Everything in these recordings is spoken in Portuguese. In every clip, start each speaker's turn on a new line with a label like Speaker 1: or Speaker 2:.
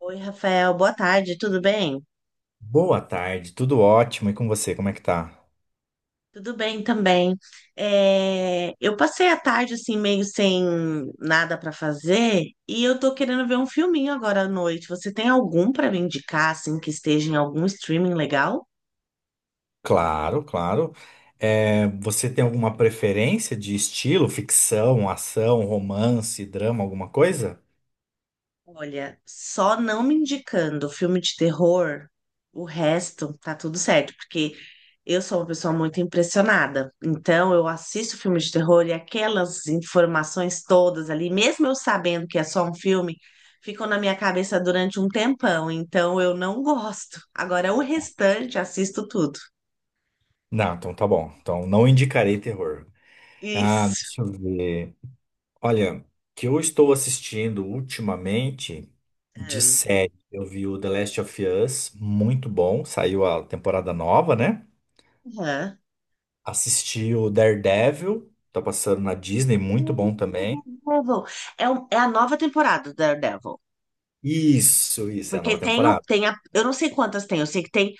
Speaker 1: Oi, Rafael, boa tarde, tudo bem?
Speaker 2: Boa tarde, tudo ótimo. E com você, como é que tá?
Speaker 1: Tudo bem também. É, eu passei a tarde assim, meio sem nada para fazer e eu tô querendo ver um filminho agora à noite. Você tem algum para me indicar, assim, que esteja em algum streaming legal?
Speaker 2: Claro, claro. É, você tem alguma preferência de estilo, ficção, ação, romance, drama, alguma coisa?
Speaker 1: Olha, só não me indicando filme de terror, o resto tá tudo certo, porque eu sou uma pessoa muito impressionada. Então, eu assisto filme de terror e aquelas informações todas ali, mesmo eu sabendo que é só um filme, ficam na minha cabeça durante um tempão. Então, eu não gosto. Agora, o restante, assisto tudo.
Speaker 2: Não, então tá bom. Então não indicarei terror. Ah,
Speaker 1: Isso.
Speaker 2: deixa eu ver. Olha, que eu estou assistindo ultimamente de série. Eu vi o The Last of Us, muito bom. Saiu a temporada nova, né?
Speaker 1: Aham.
Speaker 2: Assisti o Daredevil, tá passando na Disney, muito bom também.
Speaker 1: Daredevil. É a nova temporada do Daredevil.
Speaker 2: Isso, é a
Speaker 1: Porque
Speaker 2: nova
Speaker 1: tem,
Speaker 2: temporada.
Speaker 1: tem a, eu não sei quantas tem, eu sei que tem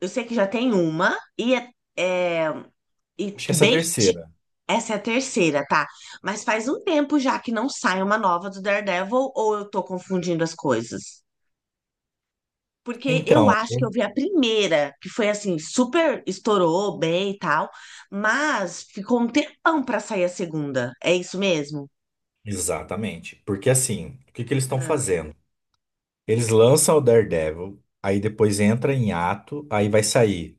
Speaker 1: Eu sei que já tem uma, é- e
Speaker 2: Acho que essa é a
Speaker 1: bem. anti-
Speaker 2: terceira.
Speaker 1: Essa é a terceira, tá? Mas faz um tempo já que não sai uma nova do Daredevil, ou eu tô confundindo as coisas? Porque eu
Speaker 2: Então,
Speaker 1: acho que eu vi a primeira, que foi assim, super estourou bem e tal, mas ficou um tempão pra sair a segunda. É isso mesmo?
Speaker 2: exatamente. Porque assim, o que que eles estão fazendo? Eles lançam o Daredevil, aí depois entra em ato, aí vai sair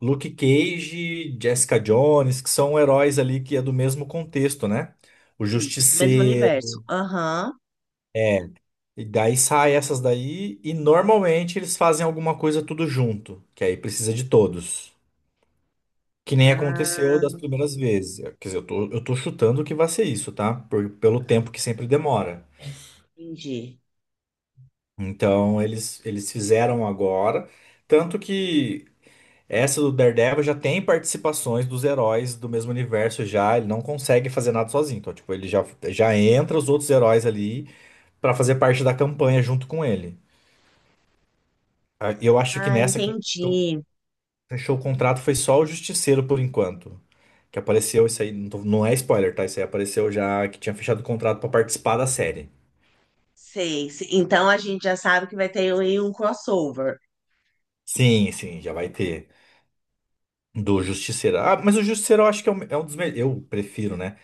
Speaker 2: Luke Cage, Jessica Jones, que são heróis ali que é do mesmo contexto, né? O
Speaker 1: Isso, do mesmo
Speaker 2: Justiceiro,
Speaker 1: universo. Aham.
Speaker 2: é. E daí sai essas daí, e normalmente eles fazem alguma coisa tudo junto, que aí precisa de todos. Que nem aconteceu
Speaker 1: Ah,
Speaker 2: das primeiras vezes. Quer dizer, eu tô chutando que vai ser isso, tá? Pelo tempo que sempre demora.
Speaker 1: entendi.
Speaker 2: Então, eles fizeram agora. Tanto que essa do Daredevil já tem participações dos heróis do mesmo universo já. Ele não consegue fazer nada sozinho. Então, tipo, ele já entra os outros heróis ali pra fazer parte da campanha junto com ele. Ah, eu acho que
Speaker 1: Ah,
Speaker 2: nessa quem
Speaker 1: entendi.
Speaker 2: fechou o contrato, foi só o Justiceiro por enquanto. Que apareceu, isso aí não, não é spoiler, tá? Isso aí apareceu já que tinha fechado o contrato pra participar da série.
Speaker 1: Sei. Então a gente já sabe que vai ter aí um crossover.
Speaker 2: Sim, sim, já vai ter. Do Justiceiro. Ah, mas o Justiceiro eu acho que é um dos melhores. Eu prefiro, né?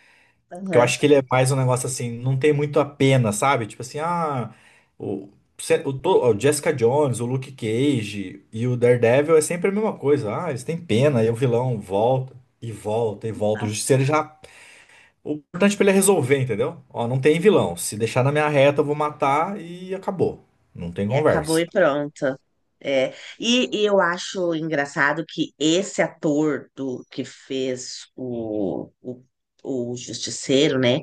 Speaker 2: Porque eu
Speaker 1: Aham.
Speaker 2: acho que ele é mais um negócio assim, não tem muito a pena, sabe? Tipo assim, ah. O, se- o, to- o Jessica Jones, o Luke Cage e o Daredevil é sempre a mesma coisa. Ah, eles têm pena, aí o vilão volta e volta e volta. O Justiceiro já o importante pra ele é resolver, entendeu? Ó, não tem vilão. Se deixar na minha reta, eu vou matar e acabou. Não tem
Speaker 1: E acabou
Speaker 2: conversa.
Speaker 1: e pronto. É. E eu acho engraçado que esse ator do que fez o Justiceiro, né?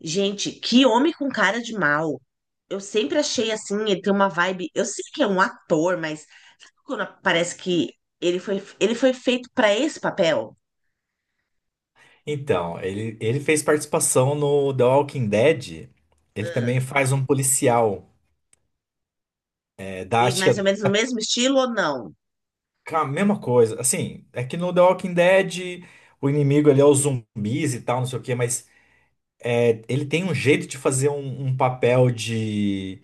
Speaker 1: Gente, que homem com cara de mal. Eu sempre achei assim, ele tem uma vibe. Eu sei que é um ator, mas quando parece que ele foi feito para esse papel.
Speaker 2: Então, ele fez participação no The Walking Dead. Ele também
Speaker 1: Ah,
Speaker 2: faz um policial.
Speaker 1: e
Speaker 2: Acho que é
Speaker 1: mais ou menos no mesmo estilo ou não?
Speaker 2: com a mesma coisa. Assim, é que no The Walking Dead o inimigo ele é os zumbis e tal, não sei o quê, mas ele tem um jeito de fazer um papel de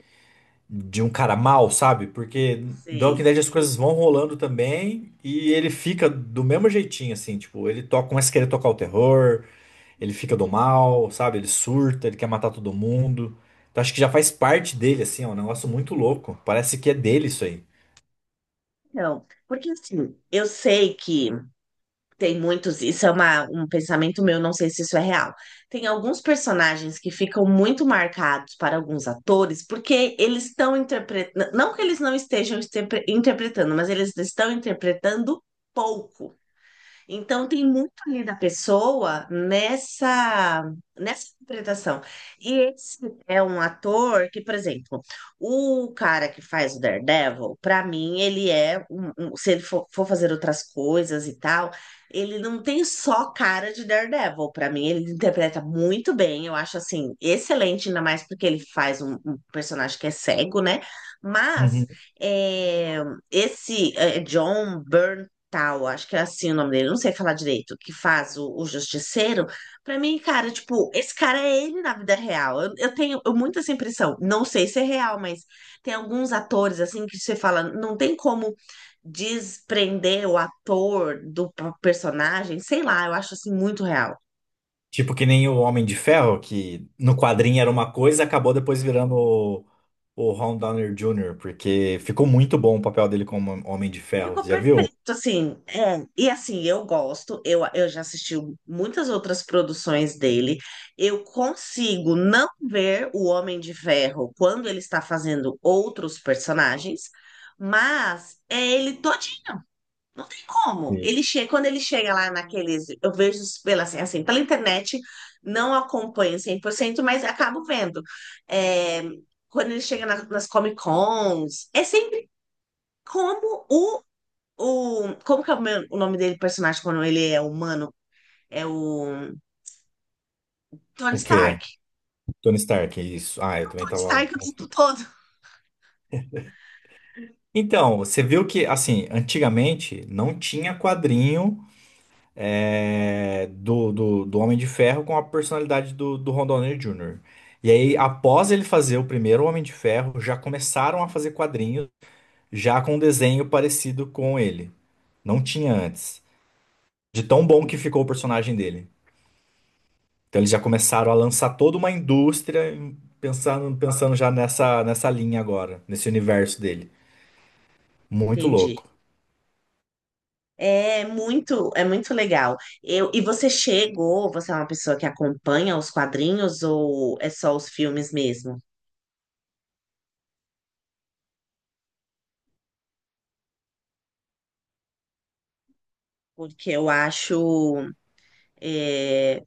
Speaker 2: um cara mal, sabe? Porque The Walking
Speaker 1: Sei.
Speaker 2: Dead as coisas vão rolando também e ele fica do mesmo jeitinho, assim, tipo, ele toca, começa a querer tocar o terror, ele fica do mal, sabe? Ele surta, ele quer matar todo mundo. Então acho que já faz parte dele, assim, é um negócio muito louco. Parece que é dele isso aí.
Speaker 1: Não, porque assim, eu sei que tem muitos, isso é um pensamento meu, não sei se isso é real. Tem alguns personagens que ficam muito marcados para alguns atores, porque eles estão interpretando, não que eles não estejam interpretando, mas eles estão interpretando pouco. Então, tem muito ali da pessoa nessa interpretação. E esse é um ator que, por exemplo, o cara que faz o Daredevil, para mim, ele é, um- um- se ele for, for fazer outras coisas e tal, ele não tem só cara de Daredevil. Para mim, ele interpreta muito bem, eu acho assim, excelente, ainda mais porque ele faz um personagem que é cego, né? Mas.
Speaker 2: Uhum.
Speaker 1: é, Esse é John Byrne Tal, acho que é assim o nome dele, não sei falar direito, que faz o Justiceiro. Pra mim, cara, tipo, esse cara é ele na vida real. Eu tenho muito essa impressão. Não sei se é real, mas tem alguns atores, assim, que você fala, não tem como desprender o ator do personagem, sei lá, eu acho assim muito real.
Speaker 2: Tipo que nem o Homem de Ferro, que no quadrinho era uma coisa, acabou depois virando o Ron Downey Jr., porque ficou muito bom o papel dele como Homem de Ferro.
Speaker 1: Ficou
Speaker 2: Já viu?
Speaker 1: perfeito, assim, é. E assim, eu gosto, eu já assisti muitas outras produções dele. Eu consigo não ver o Homem de Ferro quando ele está fazendo outros personagens, mas é ele todinho, não tem como.
Speaker 2: Sim.
Speaker 1: Quando ele chega lá naqueles, eu vejo pela, assim, pela internet, não acompanho 100%, mas acabo vendo. É, quando ele chega nas Comic Cons, é sempre como como que é o nome dele, personagem, quando ele é humano? É o Tony
Speaker 2: O
Speaker 1: Stark.
Speaker 2: quê? Tony Stark, é isso. Ah, eu também
Speaker 1: Tony
Speaker 2: tava.
Speaker 1: Stark o tempo todo.
Speaker 2: Então, você viu que, assim, antigamente não tinha quadrinho do Homem de Ferro com a personalidade do Ron Downey Jr. E aí,
Speaker 1: Hum.
Speaker 2: após ele fazer o primeiro Homem de Ferro, já começaram a fazer quadrinhos já com um desenho parecido com ele. Não tinha antes. De tão bom que ficou o personagem dele. Então, eles já começaram a lançar toda uma indústria pensando já nessa, nessa linha agora, nesse universo dele. Muito
Speaker 1: Entendi.
Speaker 2: louco.
Speaker 1: É muito legal. E você é uma pessoa que acompanha os quadrinhos ou é só os filmes mesmo? Porque é,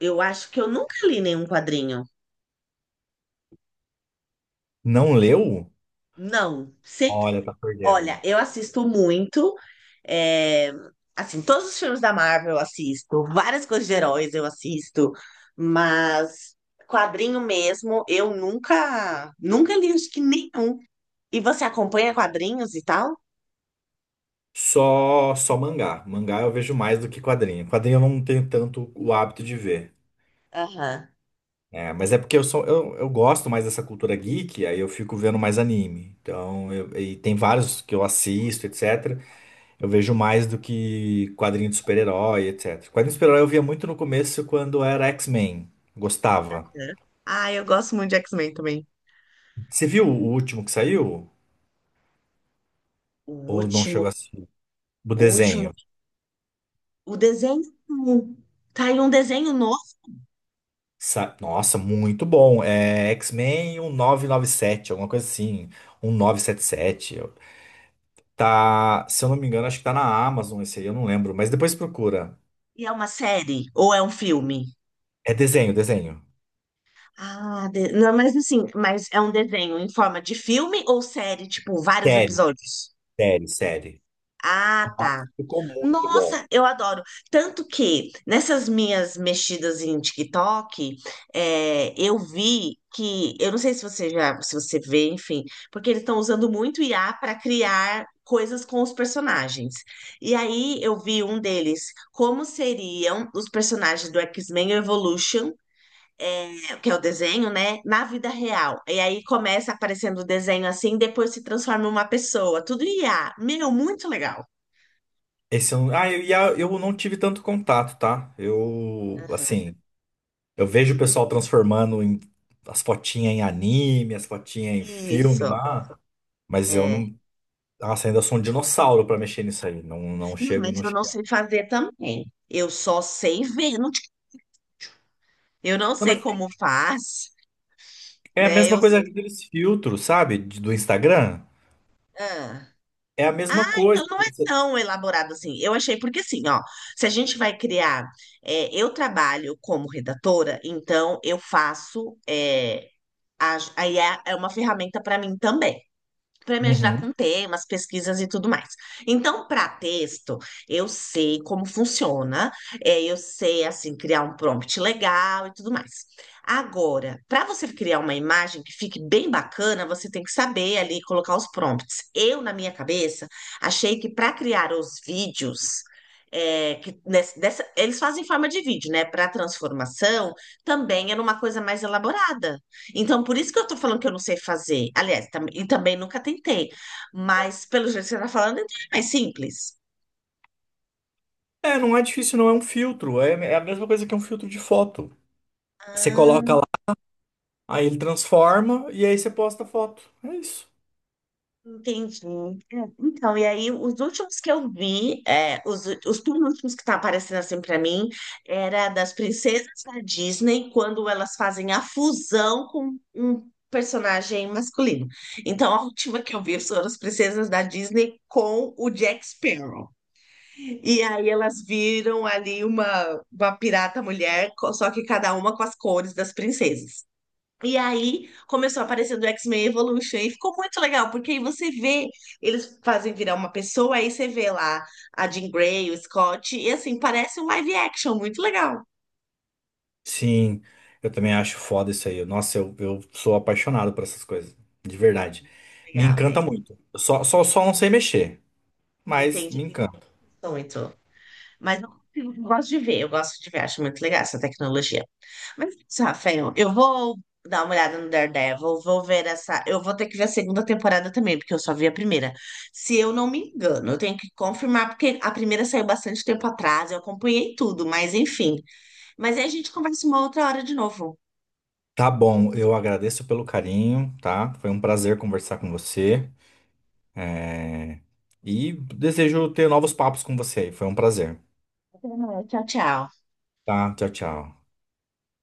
Speaker 1: eu acho que eu nunca li nenhum quadrinho.
Speaker 2: Não leu?
Speaker 1: Não,
Speaker 2: Olha, tá
Speaker 1: olha,
Speaker 2: perdendo.
Speaker 1: eu assisto muito. é, assim, todos os filmes da Marvel eu assisto, várias coisas de heróis eu assisto, mas quadrinho mesmo, eu nunca, nunca li acho que nenhum. E você acompanha quadrinhos e tal?
Speaker 2: Só, só mangá. Mangá eu vejo mais do que quadrinho. Quadrinho eu não tenho tanto o hábito de ver.
Speaker 1: Aham.
Speaker 2: É, mas é porque eu gosto mais dessa cultura geek, aí eu fico vendo mais anime. Então, e tem vários que eu assisto, etc. Eu vejo mais do que quadrinho de super-herói, etc. Quadrinho de super-herói eu via muito no começo quando era X-Men. Gostava.
Speaker 1: É. Ah, eu gosto muito de X-Men também.
Speaker 2: Você viu o último que saiu?
Speaker 1: O
Speaker 2: Ou não chegou
Speaker 1: último,
Speaker 2: a assistir? Do
Speaker 1: o último,
Speaker 2: desenho?
Speaker 1: o desenho. Tá aí um desenho novo
Speaker 2: Nossa, muito bom. É X-Men 1997, alguma coisa assim. Um nove sete sete. Tá, se eu não me engano, acho que tá na Amazon esse aí, eu não lembro. Mas depois procura.
Speaker 1: e é uma série ou é um filme?
Speaker 2: É desenho, desenho.
Speaker 1: Ah, não, mas assim, é um desenho em forma de filme ou série, tipo, vários
Speaker 2: Série,
Speaker 1: episódios?
Speaker 2: série, série.
Speaker 1: Ah, tá.
Speaker 2: Nossa, ficou muito bom.
Speaker 1: Nossa, eu adoro. Tanto que nessas minhas mexidas em TikTok, eu vi eu não sei se você vê, enfim, porque eles estão usando muito IA para criar coisas com os personagens. E aí eu vi um deles, como seriam os personagens do X-Men Evolution, que é o desenho, né? Na vida real. E aí começa aparecendo o desenho assim, depois se transforma em uma pessoa. Tudo IA. Meu, muito legal.
Speaker 2: Esse eu, não- ah, eu, e a- eu não tive tanto contato, tá? Eu,
Speaker 1: Aham.
Speaker 2: assim, eu vejo o pessoal transformando as fotinhas em anime, as fotinhas em filme
Speaker 1: Isso,
Speaker 2: lá, mas eu
Speaker 1: é.
Speaker 2: não. Nossa, ainda sou um dinossauro pra mexer nisso aí. Não, não
Speaker 1: Não,
Speaker 2: chego,
Speaker 1: mas
Speaker 2: não
Speaker 1: eu
Speaker 2: chego.
Speaker 1: não sei fazer também. Eu só sei ver. Eu não
Speaker 2: Não, mas
Speaker 1: sei como faz,
Speaker 2: é a
Speaker 1: né?
Speaker 2: mesma coisa aqueles filtros, sabe? Do Instagram.
Speaker 1: Ah.
Speaker 2: É a
Speaker 1: Ah,
Speaker 2: mesma coisa.
Speaker 1: então não é
Speaker 2: Você-
Speaker 1: tão elaborado assim. Eu achei, porque assim, ó, se a gente vai criar, eu trabalho como redatora, então eu faço, a IA é uma ferramenta para mim também. Para me ajudar
Speaker 2: Uhum.
Speaker 1: com temas, pesquisas e tudo mais. Então, para texto, eu sei como funciona, eu sei assim criar um prompt legal e tudo mais. Agora, para você criar uma imagem que fique bem bacana, você tem que saber ali colocar os prompts. Eu, na minha cabeça, achei que para criar os vídeos, que eles fazem em forma de vídeo, né? Para transformação também era uma coisa mais elaborada. Então, por isso que eu tô falando que eu não sei fazer. Aliás, e também nunca tentei. Mas, pelo jeito que você tá falando, então é mais simples.
Speaker 2: É, não é difícil, não é um filtro. É, é a mesma coisa que um filtro de foto. Você coloca
Speaker 1: Ah,
Speaker 2: lá, aí ele transforma e aí você posta a foto. É isso.
Speaker 1: entendi. Então, e aí, os últimos que eu vi, os penúltimos que tá aparecendo assim pra mim, era das princesas da Disney, quando elas fazem a fusão com um personagem masculino. Então, a última que eu vi foram as princesas da Disney com o Jack Sparrow. E aí elas viram ali uma pirata mulher, só que cada uma com as cores das princesas. E aí começou a aparecer do X-Men Evolution e ficou muito legal, porque aí você vê, eles fazem virar uma pessoa, aí você vê lá a Jean Grey, o Scott, e assim, parece um live action, muito legal.
Speaker 2: Sim, eu também acho foda isso aí. Nossa, eu sou apaixonado por essas coisas. De verdade. Me
Speaker 1: Legal, né?
Speaker 2: encanta muito. Eu só não sei mexer, mas me
Speaker 1: Entendi.
Speaker 2: encanta.
Speaker 1: Muito. Mas eu gosto de ver, eu gosto de ver, acho muito legal essa tecnologia. Mas, Rafael, eu vou dar uma olhada no Daredevil, vou ver essa. Eu vou ter que ver a segunda temporada também, porque eu só vi a primeira. Se eu não me engano, eu tenho que confirmar, porque a primeira saiu bastante tempo atrás, eu acompanhei tudo, mas enfim. Mas aí a gente conversa uma outra hora de novo.
Speaker 2: Tá bom, eu agradeço pelo carinho, tá? Foi um prazer conversar com você. É, e desejo ter novos papos com você. Foi um prazer.
Speaker 1: Até mais. Tchau, tchau.
Speaker 2: Tá? Tchau, tchau.